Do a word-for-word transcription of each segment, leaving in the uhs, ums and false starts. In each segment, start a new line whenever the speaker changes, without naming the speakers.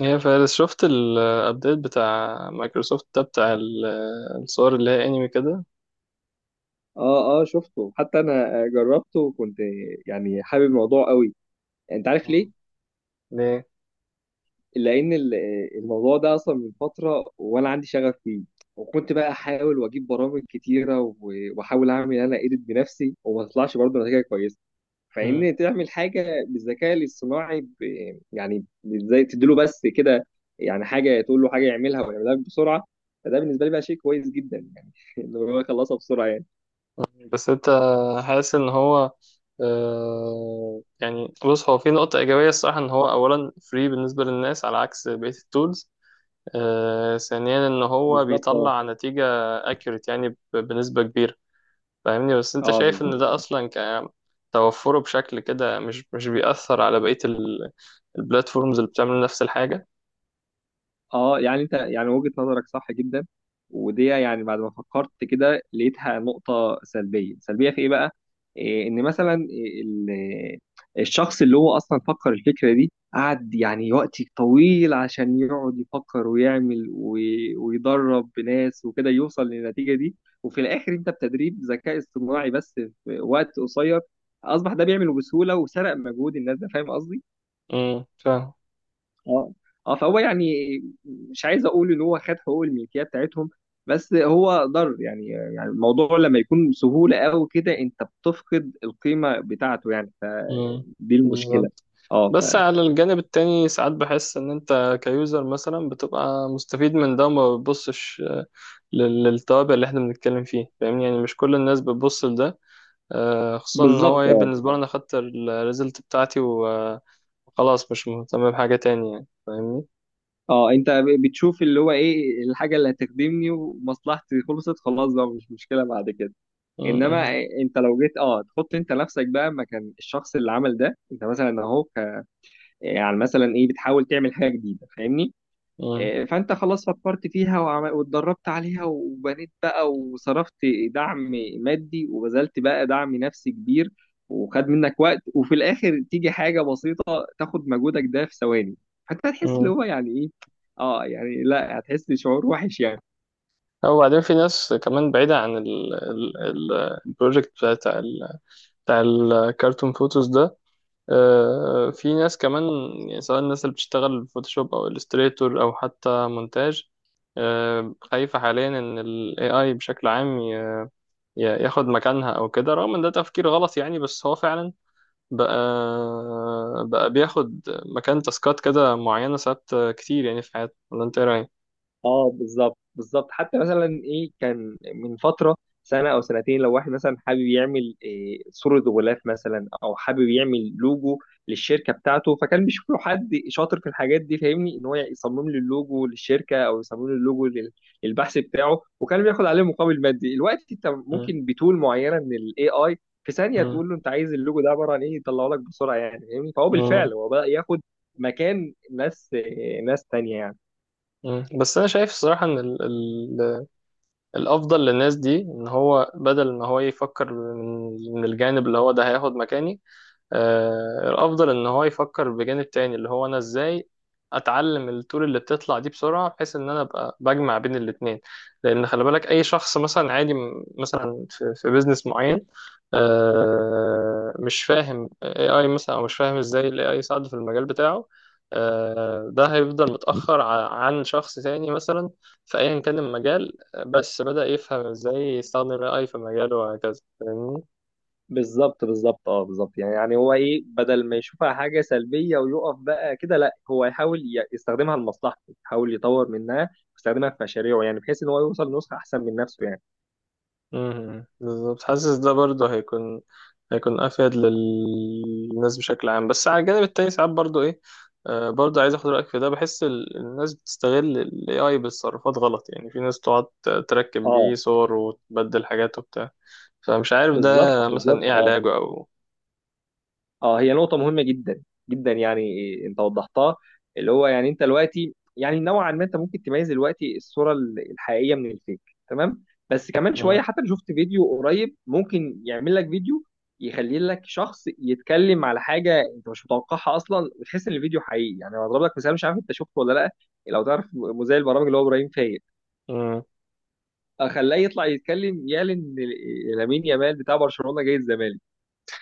يا فارس، شفت الابديت بتاع مايكروسوفت ده بتاع ال- الصور اللي هي انمي كده؟
اه اه شفته حتى انا آه، جربته وكنت يعني حابب الموضوع قوي. انت عارف ليه؟
ليه؟
لان ال- آه، الموضوع ده اصلا من فتره وانا عندي شغف فيه، وكنت بقى احاول واجيب برامج كتيره و- واحاول اعمل انا ايديت بنفسي وما تطلعش برضه نتيجه كويسه.
مم.
فان تعمل حاجه بالذكاء الاصطناعي ب... يعني ازاي تديله بس كده، يعني حاجه تقول له حاجه يعملها ويعملها لك بسرعه. فده بالنسبه لي بقى شيء كويس جدا يعني انه هو يخلصها بسرعه يعني.
بس انت حاسس ان هو آه يعني بص، هو في نقطة إيجابية الصراحة، إن هو أولا فري بالنسبة للناس على عكس بقية التولز، آه ثانيا إن هو
بالظبط اه
بيطلع نتيجة accurate يعني ب- بنسبة كبيرة، فاهمني؟ بس أنت
اه
شايف
بالظبط
إن ده أصلا ك- توفره بشكل كده مش مش بيأثر على بقية ال- البلاتفورمز اللي بتعمل نفس الحاجة؟
اه يعني انت يعني وجهة نظرك صح جدا، ودي يعني بعد ما فكرت كده لقيتها نقطة سلبية. سلبية في ايه بقى؟ إيه ان مثلا ال- الشخص اللي هو اصلا فكر الفكرة دي قعد يعني وقت طويل عشان يقعد يفكر ويعمل وي- ويدرب ناس وكده يوصل للنتيجة دي، وفي الاخر انت بتدريب ذكاء اصطناعي بس في وقت قصير اصبح ده بيعمله بسهولة وسرق مجهود الناس ده. فاهم قصدي؟
امم، فاهم.
اه اه، فهو يعني مش عايز اقول ان هو خد حقوق الملكيه بتاعتهم، بس هو ضر يعني. يعني الموضوع لما يكون بسهوله قوي كده انت بتفقد القيمه بتاعته يعني.
امم،
فدي المشكله.
بالظبط.
اه ف
بس على الجانب التاني ساعات بحس ان انت كيوزر مثلا بتبقى مستفيد من ده وما بتبصش، آه، لل- للتوابع اللي احنا بنتكلم فيه، فاهمني؟ يعني مش كل الناس بتبص لده. آه، خصوصا ان
بالظبط
هو ايه،
اه.
بالنسبه لي انا خدت الريزلت بتاعتي و- آه، وخلاص، مش مهتم بحاجه تانية يعني، فاهمني؟
اه انت ب- بتشوف اللي هو ايه الحاجه اللي هتخدمني ومصلحتي، خلصت خلاص بقى مش مشكله بعد كده. انما
امم.
انت لو جيت اه تحط انت نفسك بقى مكان الشخص اللي عمل ده، انت مثلا اهو ك- يعني مثلا ايه بتحاول تعمل حاجه جديده فاهمني.
امم.
آه، فانت خلاص فكرت فيها وعم- واتدربت عليها وبنيت بقى وصرفت دعم مادي وبذلت بقى دعم نفسي كبير، وخد منك وقت، وفي الاخر تيجي حاجه بسيطه تاخد مجهودك ده في ثواني. فانت هتحس اللي
امم.
هو يعني ايه. اه يعني لا، هتحس بشعور وحش يعني.
او بعدين في ناس كمان بعيده عن البروجكت بتاع ال- بتاع الكرتون فوتوز ده. آه، في ناس كمان، يعني سواء الناس اللي بتشتغل فوتوشوب او الستريتور او حتى مونتاج، آه، خايفة حاليا ان ال A I بشكل عام ي- ي- ياخد مكانها او كده، رغم ان ده تفكير غلط يعني، بس هو فعلا بقى بقى بياخد مكان تاسكات كده معينة ساعات كتير يعني في حياتنا، ولا انت ايه رأيك؟
اه بالظبط بالظبط. حتى مثلا ايه، كان من فتره سنه او سنتين، لو واحد مثلا حابب يعمل إيه صوره غلاف مثلا، او حابب يعمل لوجو للشركه بتاعته، فكان بيشوف له حد شاطر في الحاجات دي فاهمني، ان هو يصمم له اللوجو للشركه، او يصمم له اللوجو لل- للبحث بتاعه، وكان بياخد عليه مقابل مادي. دلوقتي انت
مم.
ممكن بتول معينه من الاي اي في ثانيه
مم.
تقول له انت عايز اللوجو ده عباره عن ايه يطلعه لك بسرعه يعني، فاهمني؟ فهو
مم.
بالفعل هو بدا ياخد مكان ناس إيه، ناس تانيه يعني.
مم. بس انا شايف الصراحة ان ال ال الافضل للناس دي ان هو بدل ما هو يفكر من من الجانب اللي هو ده هياخد مكاني، آه، الافضل ان هو يفكر بجانب تاني، اللي هو انا ازاي اتعلم الطول اللي بتطلع دي بسرعه، بحيث ان انا ابقى بجمع بين الاتنين. لان خلي بالك، اي شخص مثلا عادي، م- مثلا في, في بيزنس معين، آه، مش فاهم اي اي مثلا، او مش فاهم ازاي الاي اي يساعده في المجال بتاعه، آه، ده هيفضل متاخر ع- عن شخص تاني مثلا في ايا كان المجال، آه، بس بدأ يفهم ازاي يستخدم الاي اي في مجاله وهكذا، فاهمني؟
بالظبط بالظبط اه بالظبط يعني يعني هو ايه، بدل ما يشوفها حاجه سلبيه ويقف بقى كده، لا، هو يحاول ي- يستخدمها لمصلحته، يحاول يطور منها ويستخدمها في مشاريعه يعني، بحيث ان هو يوصل لنسخه احسن من نفسه يعني.
مم. بالظبط. حاسس ده برضه هيكون هيكون افيد للناس بشكل عام، بس على الجانب التاني ساعات برضه ايه، آه برضه عايز اخد رايك في ده، بحس ال- الناس بتستغل الاي اي بالتصرفات غلط يعني، في ناس تقعد ت- تركب بيه
اه
صور وتبدل حاجات وبتاع، فمش عارف ده
بالظبط
مثلا
بالظبط
ايه
اه
علاجه او.
اه هي نقطة مهمة جدا جدا يعني، إيه، انت وضحتها. اللي هو يعني انت دلوقتي، يعني نوعا ما انت ممكن تميز دلوقتي الصورة ال- الحقيقية من الفيك، تمام؟ بس كمان
مم.
شوية، حتى أنا شفت فيديو قريب ممكن يعمل لك فيديو يخلي لك شخص يتكلم على حاجة انت مش متوقعها اصلا، وتحس ان الفيديو حقيقي يعني. انا هضرب لك مثال، مش عارف انت شفته ولا لا. لو تعرف مذيع البرامج اللي هو ابراهيم فايق،
مم.
آه، خلاه يطلع يتكلم يعلن إن لامين يامال بتاع برشلونة جاي الزمالك،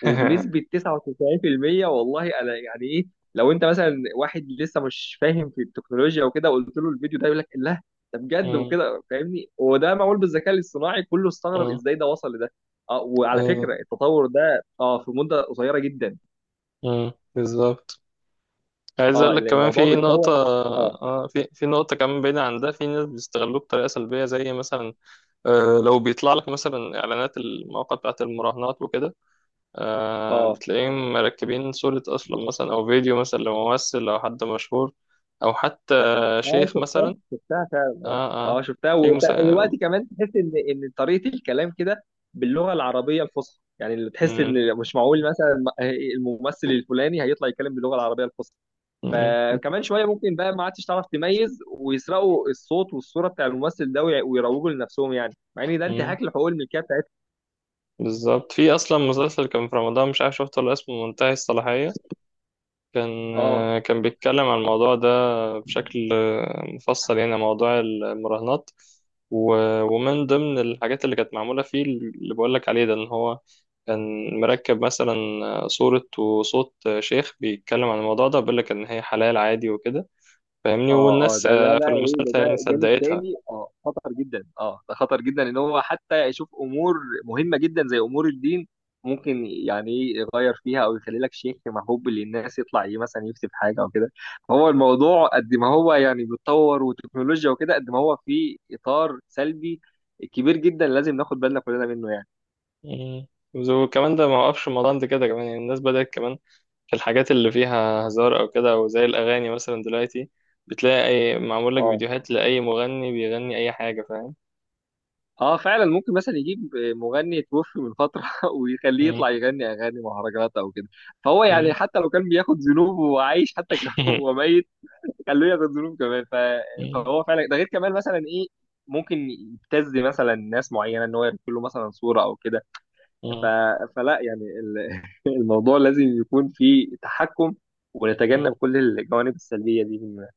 وبنسبة تسعة وتسعين في المية والله، انا يعني ايه، لو انت مثلا واحد لسه مش فاهم في التكنولوجيا وكده قلت له الفيديو ده يقول لك لا، ده بجد
مم.
وكده فاهمني، وده معمول بالذكاء الاصطناعي، كله استغرب
مم.
ازاي ده وصل لده. اه، وعلى
أيوه.
فكرة التطور ده اه في مدة قصيرة جدا.
مم. بالظبط. عايز
اه،
اقول لك
اللي
كمان
الموضوع
في نقطة،
بيتطور. اه.
اه في في نقطة كمان بعيدة عن ده، في ناس بيستغلوه بطريقة سلبية، زي مثلا، آه، لو بيطلع لك مثلا اعلانات المواقع بتاعت المراهنات وكده، آه،
اه
بتلاقيهم مركبين صورة اصلا مثلا او فيديو مثلا لممثل او حد مشهور، او حتى
اه
شيخ
شفتها،
مثلا.
شفتها فعلا اه.
اه
اه
اه
شفتها،
في مسا...
ودلوقتي كمان تحس ان ان طريقه الكلام كده باللغه العربيه الفصحى، يعني اللي تحس
مم،
ان مش معقول مثلا الممثل الفلاني هيطلع يتكلم باللغه العربيه الفصحى.
مم،
فكمان شويه ممكن بقى ما عادش تعرف تميز، ويسرقوا الصوت والصوره بتاع الممثل ده وي- ويروجوا لنفسهم يعني، مع ان ده
مم،
انتهاك لحقوق الملكيه بتاعتهم.
بالظبط. في اصلا مسلسل كان في رمضان، مش عارف شفته ولا، اسمه منتهي الصلاحية، كان
اه
كان بيتكلم عن الموضوع ده بشكل مفصل، يعني موضوع المراهنات، و- ومن ضمن الحاجات اللي كانت معمولة فيه اللي بقولك عليه ده، إن هو كان مركب مثلا صورة وصوت شيخ بيتكلم عن الموضوع ده، بيقولك إن هي حلال عادي وكده، فاهمني؟
اه، اه
والناس
ده ده
آه، في
بقى ايه، ده
المسلسل يعني
ده جانب
صدقتها.
تاني اه خطر جدا، اه ده خطر جدا، ان هو حتى يشوف امور مهمه جدا زي امور الدين، ممكن يعني إيه يغير فيها، او يخلي لك شيخ محبوب للناس يطلع ايه مثلا يكتب حاجه او كده. فهو الموضوع قد ما هو يعني بيتطور وتكنولوجيا وكده، قد ما هو في اطار سلبي كبير جدا لازم ناخد بالنا كلنا منه يعني.
مم. وكمان ده ما وقفش الموضوع عند كده، كمان يعني الناس بدأت كمان الحاجات اللي فيها هزار او كده، او زي الاغاني مثلا دلوقتي بتلاقي اي معمول لك
اه.
فيديوهات لاي مغني بيغني اي حاجه، فاهم؟
اه فعلا، ممكن مثلا يجيب مغني توفي من فتره ويخليه
مم.
يطلع يغني اغاني مهرجانات او كده، فهو
مم.
يعني حتى لو كان بياخد ذنوب وعايش حتى وهو ميت، خلوه ياخد ذنوب كمان ف...
مم.
فهو فعلا. ده غير كمان مثلا ايه، ممكن يبتز مثلا ناس معينه ان هو يرسل له مثلا صوره او كده. ف...
مم.
فلا يعني ال- الموضوع لازم يكون فيه تحكم، ونتجنب كل الجوانب السلبيه دي منه.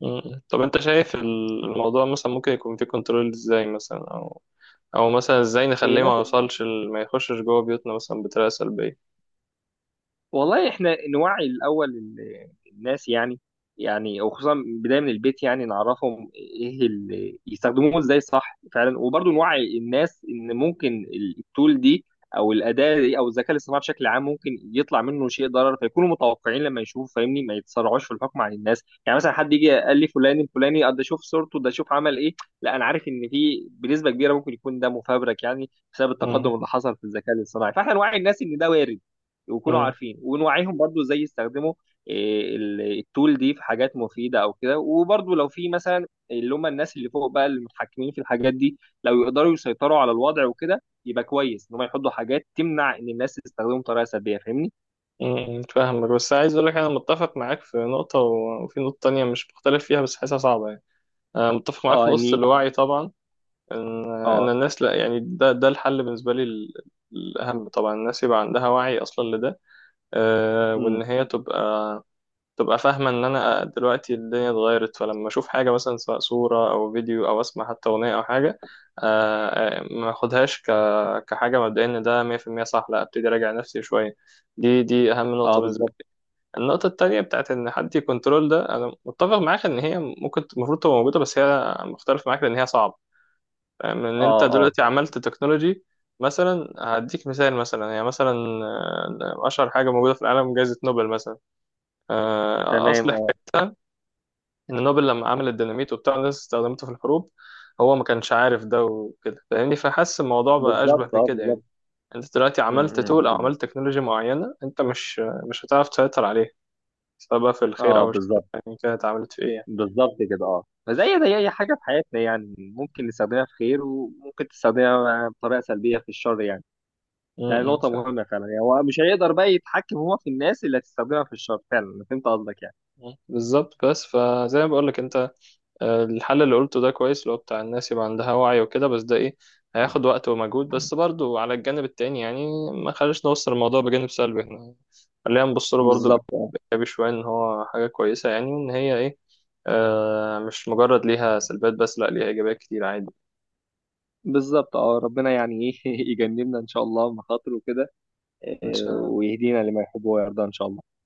مم. طب انت شايف الموضوع مثلا ممكن يكون فيه كنترول ازاي مثلا، او او مثلا ازاي نخليه ما يوصلش ال- ما يخشش جوه بيوتنا مثلا بطريقه سلبيه؟
والله احنا نوعي الاول ال- الناس يعني، يعني وخصوصا بدايه من البيت يعني نعرفهم ايه اللي يستخدموه ازاي صح فعلا، وبرضه نوعي الناس ان ممكن التول دي او الاداه دي او الذكاء الاصطناعي بشكل عام ممكن يطلع منه شيء ضرر، فيكونوا متوقعين لما يشوفوا فاهمني، ما يتسرعوش في الحكم على الناس يعني. مثلا حد يجي قال لي فلان الفلاني آه، ده شوف صورته، ده شوف عمل ايه، لا، انا عارف ان في بنسبه كبيره ممكن يكون ده مفبرك يعني، بسبب
مم.
التقدم اللي حصل في الذكاء الاصطناعي. فاحنا نوعي الناس ان ده وارد ويكونوا
مم.
عارفين، ونوعيهم برضو ازاي يستخدموا إيه، ال- التول دي في حاجات مفيدة او كده. وبرضو لو في مثلا اللي هم الناس اللي فوق بقى المتحكمين في الحاجات دي، لو يقدروا يسيطروا على الوضع وكده يبقى كويس ان هم يحطوا حاجات تمنع ان الناس تستخدمه بطريقة سلبية، فاهمني؟
مم. فاهمك، بس عايز اقول لك، انا متفق معاك في نقطه و- وفي نقطه تانية مش مختلف فيها بس حاسسها صعبه يعني. أنا متفق معاك في
اه
نقطه
اني
الوعي طبعا، ان ان
اه.
الناس، لا يعني ده ده الحل بالنسبه لي، ال- الاهم طبعا الناس يبقى عندها وعي اصلا لده، آه،
امم.
وان هي تبقى تبقى فاهمه ان انا دلوقتي الدنيا اتغيرت، فلما اشوف حاجه مثلا، سواء صوره او فيديو، او اسمع حتى اغنيه او حاجه، آه، آه، ما اخدهاش ك كحاجه مبدئيه ان ده مية في المية صح، لا ابتدي اراجع نفسي شويه. دي دي اهم نقطه
اه
بالنسبه
بالظبط.
لي. النقطه التانيه بتاعت ان حد يكنترول ده، انا متفق معاك ان هي ممكن المفروض تبقى موجوده، بس هي مختلف معاك ان هي صعبه. فاهم ان
اه
انت
اه
دلوقتي عملت تكنولوجي مثلا، هديك مثال مثلا، يعني مثلا، آه، اشهر حاجه موجوده في العالم جائزه نوبل مثلا، آه،
تمام.
اصل
اه
حكايتها ان نوبل لما عمل الديناميت وبتاع، الناس استخدمته في الحروب، هو ما كانش عارف ده وكده، فاهمني؟ فحس الموضوع بقى اشبه
بالظبط. اه
بكده يعني،
بالظبط.
انت دلوقتي
امم.
عملت
أمم،
تول او
بالظبط.
عملت تكنولوجي معينه، انت مش مش هتعرف تسيطر عليها، سواء بقى في الخير
اه
او الشر،
بالظبط
يعني كانت عملت في ايه يعني.
بالظبط كده. اه، فزي زي اي حاجه في حياتنا يعني، ممكن نستخدمها في خير، وممكن تستخدمها بطريقه سلبيه في الشر يعني.
م-
يعني
م،
نقطه
فاهم.
مهمه فعلا يعني، هو مش هيقدر بقى يتحكم هو في الناس اللي هتستخدمها في الشر فعلا. انا فهمت قصدك يعني.
م، بالظبط. بس فزي ما بقول لك، انت آه، الحل اللي قلته ده كويس، اللي هو بتاع الناس يبقى عندها وعي وكده، بس ده ايه، هياخد وقت ومجهود، بس برضو على الجانب التاني يعني ما خليش نوصل الموضوع بجانب سلبي، احنا خلينا نبص له برضه
بالظبط اه
بإيجابي شوية، إن هو حاجة كويسة يعني، وإن هي إيه، آه مش مجرد ليها سلبيات بس، لأ ليها إيجابيات كتير عادي.
بالظبط. اه، ربنا يعني ايه يجنبنا ان شاء الله مخاطر وكده، آه، ويهدينا لما يحب ويرضى ان شاء الله.